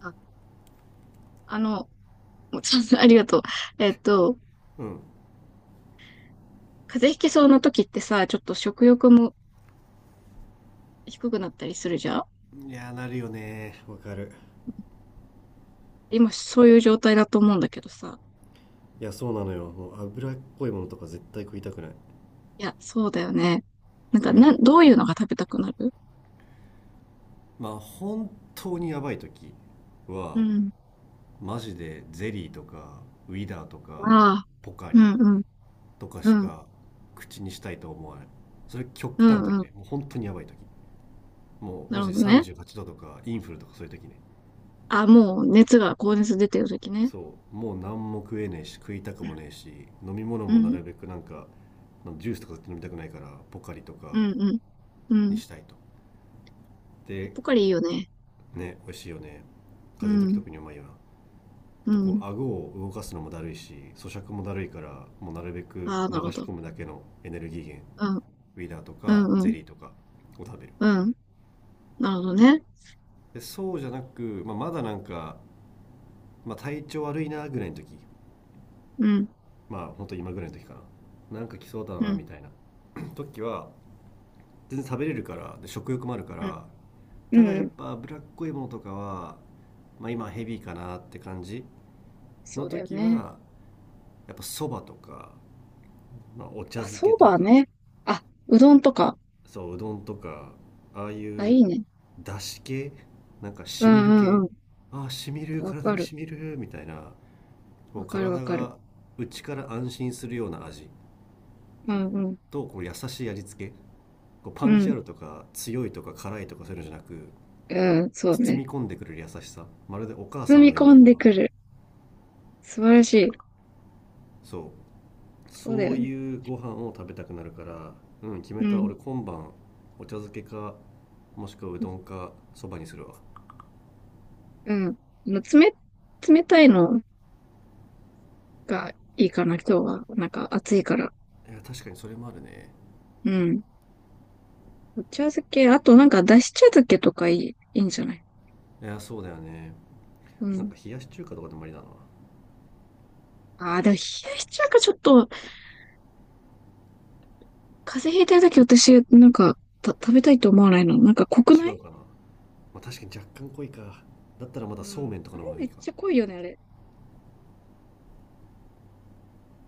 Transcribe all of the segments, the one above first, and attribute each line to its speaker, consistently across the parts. Speaker 1: あ、あの、もうちょっと ありがとう。えっと、
Speaker 2: うん。
Speaker 1: 風邪ひきそうな時ってさ、ちょっと食欲も低くなったりするじゃん。
Speaker 2: いやーなるよねー、わかる。
Speaker 1: 今そういう状態だと思うんだけどさ。
Speaker 2: いやそうなのよ、もう脂っこいものとか絶対食いたくない。
Speaker 1: いや、そうだよね。なんか、
Speaker 2: うん。
Speaker 1: どういうのが食べたくなる？
Speaker 2: まあ本当にやばい時
Speaker 1: う
Speaker 2: は
Speaker 1: ん。
Speaker 2: マジでゼリーとかウィダーとか
Speaker 1: ああ、
Speaker 2: ポカリ
Speaker 1: うん、うん、
Speaker 2: とか
Speaker 1: う
Speaker 2: し
Speaker 1: ん、
Speaker 2: か口にしたいと思わない。それ極
Speaker 1: う
Speaker 2: 端の
Speaker 1: ん、
Speaker 2: 時
Speaker 1: うん。
Speaker 2: ね、もう本当にやばい時。もう
Speaker 1: な
Speaker 2: マ
Speaker 1: る
Speaker 2: ジ
Speaker 1: ほ
Speaker 2: で
Speaker 1: どね。
Speaker 2: 38度とかインフルとかそういう時ね。
Speaker 1: あ、もう熱が、高熱出てる時ね。
Speaker 2: そう、もう何も食えねえし食いたく
Speaker 1: う
Speaker 2: も
Speaker 1: ん、
Speaker 2: ねえし、飲み物
Speaker 1: う
Speaker 2: もな
Speaker 1: ん、
Speaker 2: るべくなんかジュースとか飲みたくないからポカリと
Speaker 1: う
Speaker 2: か
Speaker 1: ん、う
Speaker 2: に
Speaker 1: ん。
Speaker 2: したいと。で
Speaker 1: ポカリいいよね。
Speaker 2: ね、美味しいよね。
Speaker 1: う
Speaker 2: 風邪の時
Speaker 1: ん、
Speaker 2: 特にうまいよな。
Speaker 1: う
Speaker 2: とこう
Speaker 1: ん。
Speaker 2: 顎を動かすのもだるいし咀嚼もだるいから、もうなるべく
Speaker 1: ああ、
Speaker 2: 流
Speaker 1: なるほ
Speaker 2: し
Speaker 1: ど。
Speaker 2: 込むだけのエネルギー源、
Speaker 1: うん、
Speaker 2: ウィダーと
Speaker 1: う
Speaker 2: か
Speaker 1: ん、う
Speaker 2: ゼ
Speaker 1: ん、
Speaker 2: リーとかを食べる。
Speaker 1: うん。なるほどね。
Speaker 2: でそうじゃなく、まあ、まだなんか、まあ、体調悪いなぐらいの時。
Speaker 1: うん。
Speaker 2: まあ本当今ぐらいの時か。なんか来そうだ
Speaker 1: う
Speaker 2: な
Speaker 1: ん
Speaker 2: みたいな 時は全然食べれるから、で食欲もあるか
Speaker 1: うん。
Speaker 2: ら。ただ
Speaker 1: う
Speaker 2: やっ
Speaker 1: ん。
Speaker 2: ぱ脂っこいものとかは、まあ、今ヘビーかなって感じ
Speaker 1: そ
Speaker 2: の
Speaker 1: うだよ
Speaker 2: 時
Speaker 1: ね。
Speaker 2: は、やっぱそばとか、まあ、お茶
Speaker 1: あ、
Speaker 2: 漬け
Speaker 1: そ
Speaker 2: と
Speaker 1: ば
Speaker 2: か、
Speaker 1: ね。あ、うどんとか。
Speaker 2: そう、うどんとか、ああい
Speaker 1: あ、い
Speaker 2: う、
Speaker 1: いね。
Speaker 2: だし系、なんか
Speaker 1: う
Speaker 2: しみる
Speaker 1: んうん
Speaker 2: 系、
Speaker 1: う
Speaker 2: ああ、しみる、
Speaker 1: ん。わ
Speaker 2: 体
Speaker 1: か
Speaker 2: に
Speaker 1: る。
Speaker 2: しみる、みたいな、も
Speaker 1: わ
Speaker 2: う
Speaker 1: かるわ
Speaker 2: 体
Speaker 1: かる。
Speaker 2: が内から安心するような味
Speaker 1: うんうん。
Speaker 2: と、こう優しい味付け。こうパ
Speaker 1: う
Speaker 2: ンチあ
Speaker 1: ん。
Speaker 2: るとか、強いとか辛いとかそういうのじゃなく、
Speaker 1: うん、そう
Speaker 2: 包
Speaker 1: ね。
Speaker 2: み込んでくれる優しさ。まるでお母
Speaker 1: 包
Speaker 2: さん
Speaker 1: み
Speaker 2: のよう
Speaker 1: 込
Speaker 2: な
Speaker 1: ん
Speaker 2: ご
Speaker 1: で
Speaker 2: 飯。
Speaker 1: くる。素晴らしい。
Speaker 2: そう、
Speaker 1: そうだ
Speaker 2: そう
Speaker 1: よね。
Speaker 2: いうご飯を食べたくなるから。うん、決め
Speaker 1: う
Speaker 2: た、
Speaker 1: ん。
Speaker 2: 俺今晩お茶漬けか、もしくはうどんかそばにするわ。
Speaker 1: うん。まあ冷たいのがいいかな、今日は。なんか暑いから。
Speaker 2: いや確かにそれもあるね。
Speaker 1: うん。お茶漬け、あとなんかだし茶漬けとかいい、いいんじゃない？
Speaker 2: いやそうだよね。
Speaker 1: う
Speaker 2: なん
Speaker 1: ん。
Speaker 2: か冷やし中華とかでもありだな。
Speaker 1: ああ、でも冷やし中華ちょっと、風邪ひいてるとき私、なんか、食べたいと思わないの。なんか濃く
Speaker 2: 違
Speaker 1: ない？
Speaker 2: うかな、まあ、確かに若干濃いか。だったらまだ
Speaker 1: う
Speaker 2: そうめ
Speaker 1: ん。
Speaker 2: んとか
Speaker 1: あ
Speaker 2: の方
Speaker 1: れ
Speaker 2: がい
Speaker 1: め
Speaker 2: い
Speaker 1: っ
Speaker 2: か。
Speaker 1: ちゃ濃いよね、あれ。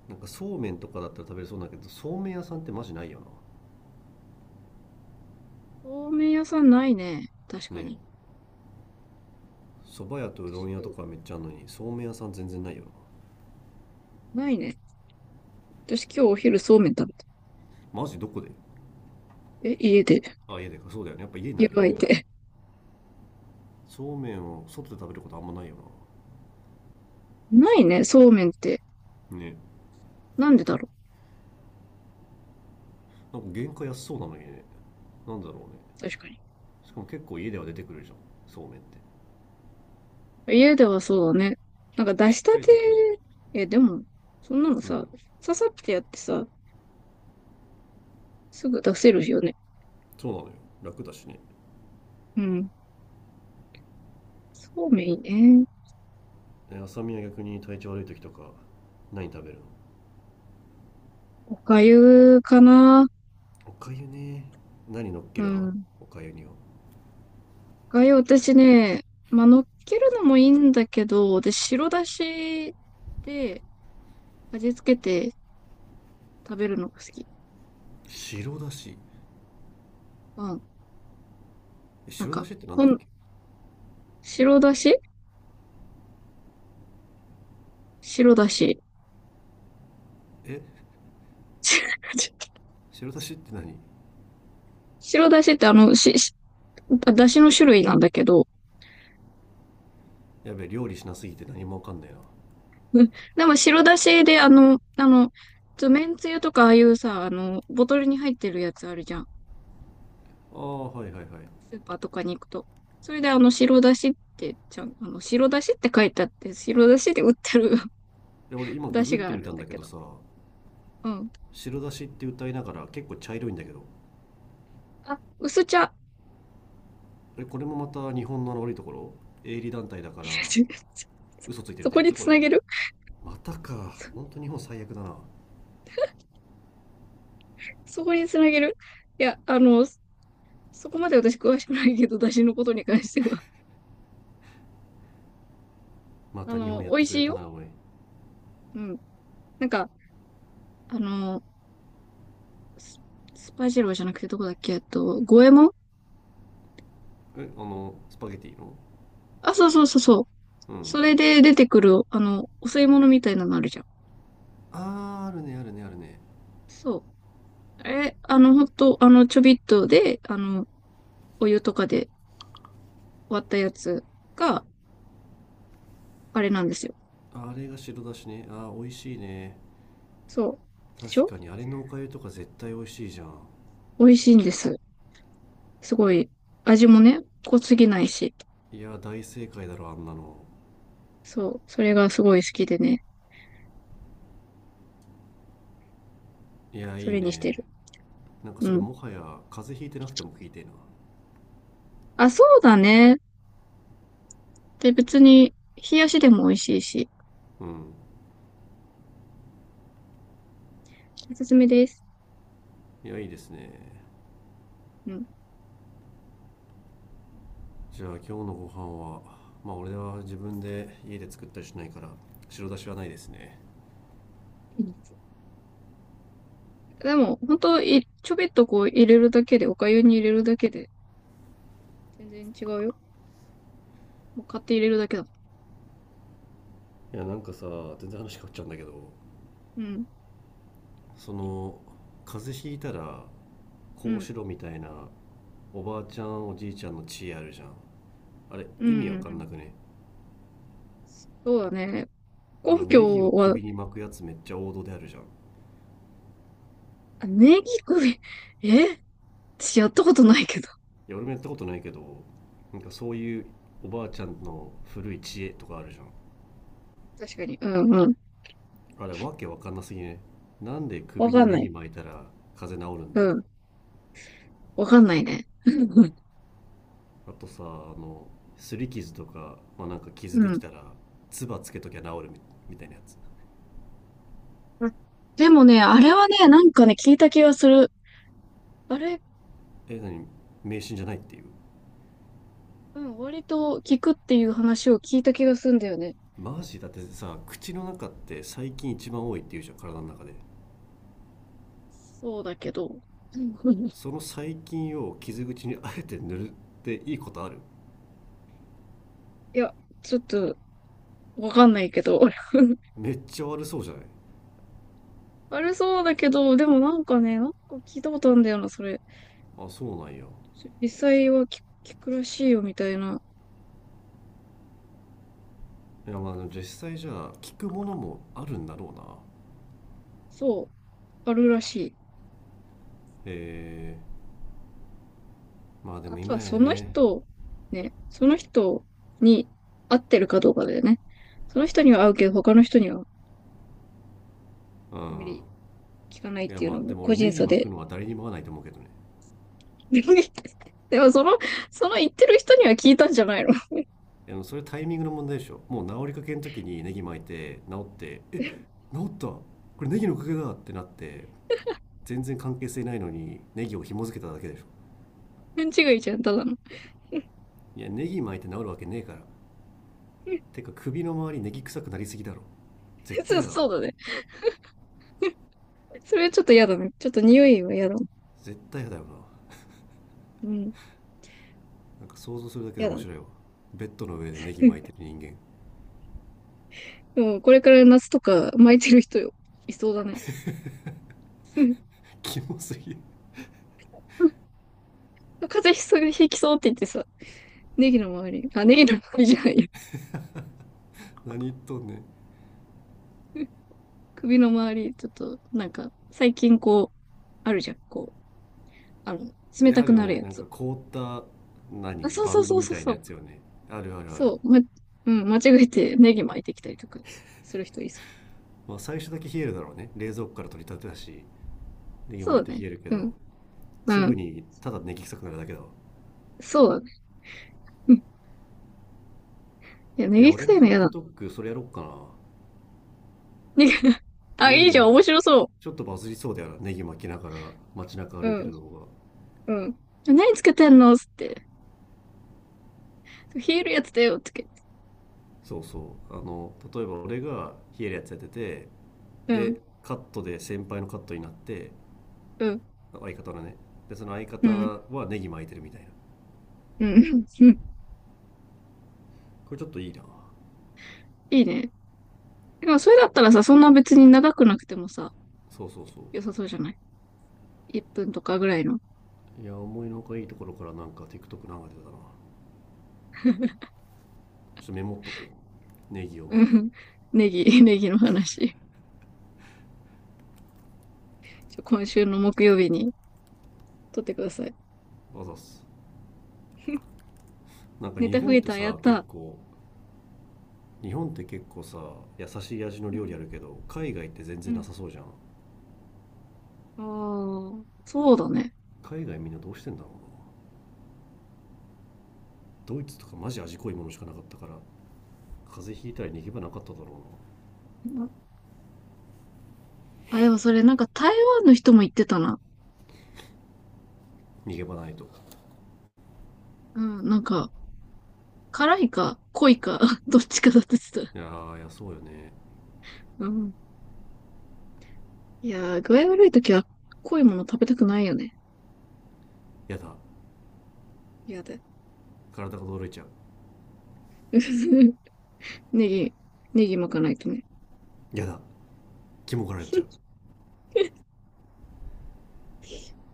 Speaker 2: なんかそうめんとかだったら食べれそうだけど、そうめん屋さんってマジないよ
Speaker 1: そうめん屋さんないね。確
Speaker 2: な。
Speaker 1: か
Speaker 2: ね、
Speaker 1: に。
Speaker 2: そば屋とうど
Speaker 1: 私
Speaker 2: ん屋
Speaker 1: 今
Speaker 2: と
Speaker 1: 日、
Speaker 2: かめっちゃあるのにそうめん屋さん全然ないよな。
Speaker 1: ないね。私今日お昼そうめん食べた。
Speaker 2: マジどこで。
Speaker 1: え、家で、
Speaker 2: あ家でか、そうだよね、やっぱ家にな
Speaker 1: 湯
Speaker 2: るよ
Speaker 1: が
Speaker 2: ね。
Speaker 1: いて。
Speaker 2: そうめんを外で食べることあんまないよな。
Speaker 1: ないね、そうめんって。
Speaker 2: ね。
Speaker 1: なんでだろ
Speaker 2: なんか原価安そうなのにね。なんだろうね。
Speaker 1: う。確かに。
Speaker 2: しかも結構家では出てくるじゃん、そうめんって。
Speaker 1: 家ではそうだね。なんか出
Speaker 2: ちっ
Speaker 1: した
Speaker 2: ちゃい
Speaker 1: て、
Speaker 2: 時。
Speaker 1: え、でも、そんなの
Speaker 2: う
Speaker 1: さ、
Speaker 2: ん、
Speaker 1: ささってやってさ、すぐ出せるよね。
Speaker 2: そうなのよ。楽だしね。
Speaker 1: うん。そうめんいいね。
Speaker 2: え浅見は逆に体調悪い時とか何食べるの？
Speaker 1: おかゆかな。
Speaker 2: おかゆね。何乗っ
Speaker 1: う
Speaker 2: ける派、
Speaker 1: ん。
Speaker 2: おかゆには。
Speaker 1: 私ね、まあ、乗っけるのもいいんだけど、私、白だしで味付けて食べるのが好き。
Speaker 2: 白だし。
Speaker 1: うん。
Speaker 2: え
Speaker 1: なん
Speaker 2: 白だ
Speaker 1: か、
Speaker 2: しってなんだっけ。
Speaker 1: 白だし、白だし。
Speaker 2: え 白だしって何。
Speaker 1: 白だしってあの、し、しだしの種類なんだけど、
Speaker 2: やべえ料理しなすぎて何もわかんないな。
Speaker 1: うん。でも白だしでつめんつゆとかああいうさ、あの、ボトルに入ってるやつあるじゃん。
Speaker 2: あーはいはいはい。
Speaker 1: スーパーとかに行くと。それであの、白だしって、ちゃん、あの、白だしって書いてあって、白だしで売ってる
Speaker 2: で俺今
Speaker 1: 出
Speaker 2: ググ
Speaker 1: 汁
Speaker 2: っ
Speaker 1: が
Speaker 2: て
Speaker 1: あ
Speaker 2: み
Speaker 1: るん
Speaker 2: たん
Speaker 1: だ
Speaker 2: だけ
Speaker 1: け
Speaker 2: ど
Speaker 1: ど。
Speaker 2: さ、
Speaker 1: うん。
Speaker 2: 白だしって歌いながら結構茶色いんだけど。
Speaker 1: あ、薄茶。
Speaker 2: えこれもまた日本の悪いところ、営利団体だから 嘘ついてる
Speaker 1: そ
Speaker 2: って
Speaker 1: こ
Speaker 2: や
Speaker 1: に
Speaker 2: つこ
Speaker 1: つなげ
Speaker 2: れ。
Speaker 1: る。
Speaker 2: またか、
Speaker 1: そ
Speaker 2: 本当日本最悪だな。
Speaker 1: そこにつなげる。いや、そこまで私詳しくないけど、出汁のことに関しては。
Speaker 2: ま
Speaker 1: あ
Speaker 2: た日本
Speaker 1: の、
Speaker 2: やっ
Speaker 1: 美味
Speaker 2: てく
Speaker 1: し
Speaker 2: れ
Speaker 1: い
Speaker 2: た
Speaker 1: よ。
Speaker 2: なおい。
Speaker 1: うん。なんか、あの、ススパジローじゃなくてどこだっけ、五右衛門。
Speaker 2: えあのスパゲティの。
Speaker 1: あ、そうそうそうそう。
Speaker 2: う
Speaker 1: そ
Speaker 2: ん。
Speaker 1: れで出てくる、あの、お吸い物みたいなのあるじゃん。
Speaker 2: あーあるねあるねあるね。
Speaker 1: そう。え、あの、ほんと、あの、ちょびっとで、あの、お湯とかで割ったやつが、あれなんですよ。
Speaker 2: あれが白だしね、あー美味しいね。
Speaker 1: そう。でし
Speaker 2: 確
Speaker 1: ょ？
Speaker 2: かにあれのおかゆとか絶対美味しいじゃん。
Speaker 1: 美味しいんです。すごい、味もね、濃すぎないし。
Speaker 2: いや大正解だろあんなの。
Speaker 1: そう、それがすごい好きでね、
Speaker 2: いや
Speaker 1: そ
Speaker 2: いい
Speaker 1: れにしてる。
Speaker 2: ね。なんか
Speaker 1: う
Speaker 2: それ
Speaker 1: ん。
Speaker 2: もはや風邪ひいてなくても聞いてえな。
Speaker 1: あ、そうだね。で、別に、冷やしでも美味しいし、
Speaker 2: うん。
Speaker 1: おすすめです。
Speaker 2: いやいいですね。
Speaker 1: うん。
Speaker 2: じゃあ今日のご飯は、まあ俺は自分で家で作ったりしないから白だしはないですね。
Speaker 1: うん。でも、本当い、ちょびっとこう入れるだけで、お粥に入れるだけで、全然違うよ。もう買って入れるだけだ。
Speaker 2: いやなんかさ、全然話変わっちゃうんだけど、
Speaker 1: うん、
Speaker 2: その風邪ひいたら
Speaker 1: う
Speaker 2: こう
Speaker 1: ん、
Speaker 2: しろみたいな、おばあちゃんおじいちゃんの知恵あるじゃん。あれ
Speaker 1: うん、
Speaker 2: 意味わ
Speaker 1: うん。う
Speaker 2: かんな
Speaker 1: ん。
Speaker 2: くね。
Speaker 1: そうだね。
Speaker 2: あ
Speaker 1: 根
Speaker 2: のネギ
Speaker 1: 拠
Speaker 2: を
Speaker 1: は、
Speaker 2: 首に巻くやつめっちゃ王道であるじゃん。い
Speaker 1: あネギ首、え私やったことないけど。
Speaker 2: や俺もやったことないけど、なんかそういうおばあちゃんの古い知恵とかあるじゃん。
Speaker 1: 確かに。うん、うん。
Speaker 2: あれわけわかんなすぎね。なんで
Speaker 1: わ
Speaker 2: 首に
Speaker 1: かん
Speaker 2: ネ
Speaker 1: ない。
Speaker 2: ギ巻いたら風邪治るん
Speaker 1: う
Speaker 2: だよ。
Speaker 1: ん。わかんないね。
Speaker 2: あとさ、あの擦り傷とか、まあ、なんか
Speaker 1: う
Speaker 2: 傷でき
Speaker 1: ん。
Speaker 2: たら唾つけときゃ治るみたいなやつ。
Speaker 1: でもね、あれはね、なんかね、聞いた気がする。あれ、
Speaker 2: え何、迷信じゃないっていう。
Speaker 1: うん、割と聞くっていう話を聞いた気がするんだよね。
Speaker 2: マジだってさ口の中って細菌一番多いっていうじゃん、体の中で。
Speaker 1: そうだけど。うん。
Speaker 2: その細菌を傷口にあえて塗るっていいことある？
Speaker 1: いや、ちょっと、わかんないけど。
Speaker 2: めっちゃ悪そうじゃない？
Speaker 1: あれそうだけど、でもなんかね、なんか聞いたことあるんだよな、それ。
Speaker 2: あそうなんや。い
Speaker 1: 実際は聞、聞くらしいよ、みたいな。
Speaker 2: や、まあ実際じゃあ聞くものもあるんだろうな。
Speaker 1: そう、あるらしい。
Speaker 2: えまあで
Speaker 1: あ
Speaker 2: も
Speaker 1: と
Speaker 2: 今
Speaker 1: は
Speaker 2: や
Speaker 1: その
Speaker 2: ね。
Speaker 1: 人、ね、その人に合ってるかどうかだよね。その人には合うけど、他の人には
Speaker 2: う
Speaker 1: あんま
Speaker 2: ん。
Speaker 1: り聞かないっ
Speaker 2: いや
Speaker 1: ていう
Speaker 2: ま
Speaker 1: の
Speaker 2: あで
Speaker 1: も
Speaker 2: も
Speaker 1: 個
Speaker 2: 俺
Speaker 1: 人
Speaker 2: ネギ
Speaker 1: 差
Speaker 2: 巻
Speaker 1: で。
Speaker 2: くのは誰にも合わないと思うけどね。
Speaker 1: でもその、その言ってる人には聞いたんじゃないの？
Speaker 2: それタイミングの問題でしょ、もう治りかけの時にネギ巻いて治った、これネギのおかげだってなって、全然関係性ないのにネギを紐付けただけでしょ。
Speaker 1: 勘違いじゃん、ただの。
Speaker 2: いやネギ巻いて治るわけねえから。 てか首の周りネギ臭くなりすぎだろ、絶
Speaker 1: そ
Speaker 2: 対
Speaker 1: う、
Speaker 2: やだわ。
Speaker 1: そうだね。それはちょっと嫌だね。ちょっと匂いは嫌だ。
Speaker 2: 絶対やだよな、
Speaker 1: うん、
Speaker 2: なんか想像するだけで
Speaker 1: 嫌だ
Speaker 2: 面
Speaker 1: ね。
Speaker 2: 白いわ。ベッドの上でネギ巻いて る人間
Speaker 1: でもこれから夏とか巻いてる人、よ、いそうだね。
Speaker 2: キモすぎる。
Speaker 1: 風邪ひきそうって言ってさ、ネギの周りじゃないや。
Speaker 2: 何言っとんねん。
Speaker 1: 首の周り、ちょっと、なんか、最近こう、あるじゃん、こう、あの、
Speaker 2: あ
Speaker 1: 冷た
Speaker 2: る
Speaker 1: く
Speaker 2: よ
Speaker 1: なる
Speaker 2: ね、
Speaker 1: や
Speaker 2: なん
Speaker 1: つ。
Speaker 2: か凍った
Speaker 1: あ、
Speaker 2: 何
Speaker 1: そう
Speaker 2: バ
Speaker 1: そう
Speaker 2: ンド
Speaker 1: そう
Speaker 2: み
Speaker 1: そう
Speaker 2: たい
Speaker 1: そ
Speaker 2: な
Speaker 1: う。
Speaker 2: やつよね。あるあるある。
Speaker 1: そう、ま、うん、間違えてネギ巻いてきたりとかする人いそう。
Speaker 2: まあ、最初だけ冷えるだろうね、冷蔵庫から取り立てたし、ネギ
Speaker 1: そ
Speaker 2: も入っ
Speaker 1: う
Speaker 2: て
Speaker 1: だね。
Speaker 2: 冷えるけ
Speaker 1: うん。
Speaker 2: ど、
Speaker 1: う
Speaker 2: すぐ
Speaker 1: ん。
Speaker 2: にただネギ臭くなるだけだわ。
Speaker 1: そうだね。うん。いや、ネ
Speaker 2: いや
Speaker 1: ギ
Speaker 2: 俺
Speaker 1: 臭
Speaker 2: の
Speaker 1: いの嫌だ。
Speaker 2: TikTok それやろっか。
Speaker 1: ネギ、あ、
Speaker 2: ネ
Speaker 1: い
Speaker 2: ギ
Speaker 1: いじゃん、
Speaker 2: も
Speaker 1: 面白そ
Speaker 2: ちょっとバズりそうだよな、ネギ巻きながら街中
Speaker 1: う。う
Speaker 2: 歩いて
Speaker 1: ん、
Speaker 2: る動画。
Speaker 1: うん。何つけてんのつって。冷えるやつだよ、つけて。
Speaker 2: そうそう、例えば俺が冷えるやつやってて、
Speaker 1: うん、
Speaker 2: でカットで先輩のカットになって、
Speaker 1: うん、
Speaker 2: 相方のね、でその相
Speaker 1: う
Speaker 2: 方
Speaker 1: ん、
Speaker 2: はネギ巻いてるみたいな。
Speaker 1: うん、うん。
Speaker 2: これちょっといいな。
Speaker 1: いいね。でも、それだったらさ、そんな別に長くなくてもさ、
Speaker 2: そうそうそう。
Speaker 1: 良さそうじゃない？ 1 分とかぐらいの。
Speaker 2: いや思いのほかいいところからなんか TikTok 流れてたな。ちょっとメモっとこ。ネギを
Speaker 1: う
Speaker 2: 巻く。
Speaker 1: ん。ネギ、ネギの話。今週の木曜日に撮ってください。
Speaker 2: あざっす。なんか
Speaker 1: ネタ増えた、やった。
Speaker 2: 日本って結構さ優しい味の
Speaker 1: う
Speaker 2: 料
Speaker 1: ん。
Speaker 2: 理あるけど海外って全
Speaker 1: う
Speaker 2: 然な
Speaker 1: ん。
Speaker 2: さそうじゃん。
Speaker 1: ああ、そうだね。
Speaker 2: 海外みんなどうしてんだろうな、ドイツとかマジ味濃いものしかなかったから風邪ひいたら逃げ場なかっただろう。
Speaker 1: うん。あ、でもそれなんか台湾の人も言ってたな。
Speaker 2: 逃げ場ないと。
Speaker 1: うん、なんか、辛いか濃いか どっちかだって言ってた。
Speaker 2: いやーいやそうよね。
Speaker 1: うん。いやー、具合悪い時は濃いもの食べたくないよね。
Speaker 2: やだ。
Speaker 1: 嫌だ。
Speaker 2: 体が驚いちゃう。
Speaker 1: ネギ、ネギ巻かないとね。
Speaker 2: やだ。気もがられちゃう。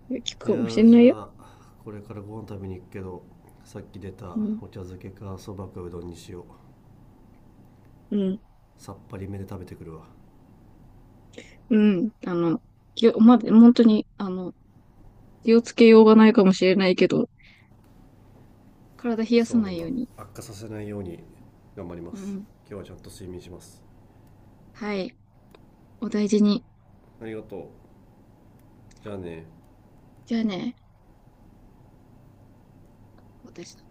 Speaker 1: いや効く
Speaker 2: い
Speaker 1: か
Speaker 2: や
Speaker 1: もしれ
Speaker 2: ーじ
Speaker 1: な
Speaker 2: ゃ
Speaker 1: いよ。
Speaker 2: あこれからご飯食べに行くけど、さっき出た
Speaker 1: うん。
Speaker 2: お茶漬けかそばかうどんにしよう。
Speaker 1: うん。
Speaker 2: さっぱりめで食べてくるわ。
Speaker 1: うん。あの、きおま、本当に、あの、気をつけようがないかもしれないけど、体冷やさ
Speaker 2: そう
Speaker 1: な
Speaker 2: ね、
Speaker 1: いよ
Speaker 2: ま
Speaker 1: うに。
Speaker 2: あ悪化させないように頑張りま
Speaker 1: う
Speaker 2: す。
Speaker 1: ん。
Speaker 2: 今日はちゃんと睡眠します。
Speaker 1: はい。お大事に。
Speaker 2: ありがとう。じゃあね。
Speaker 1: じゃあね、私。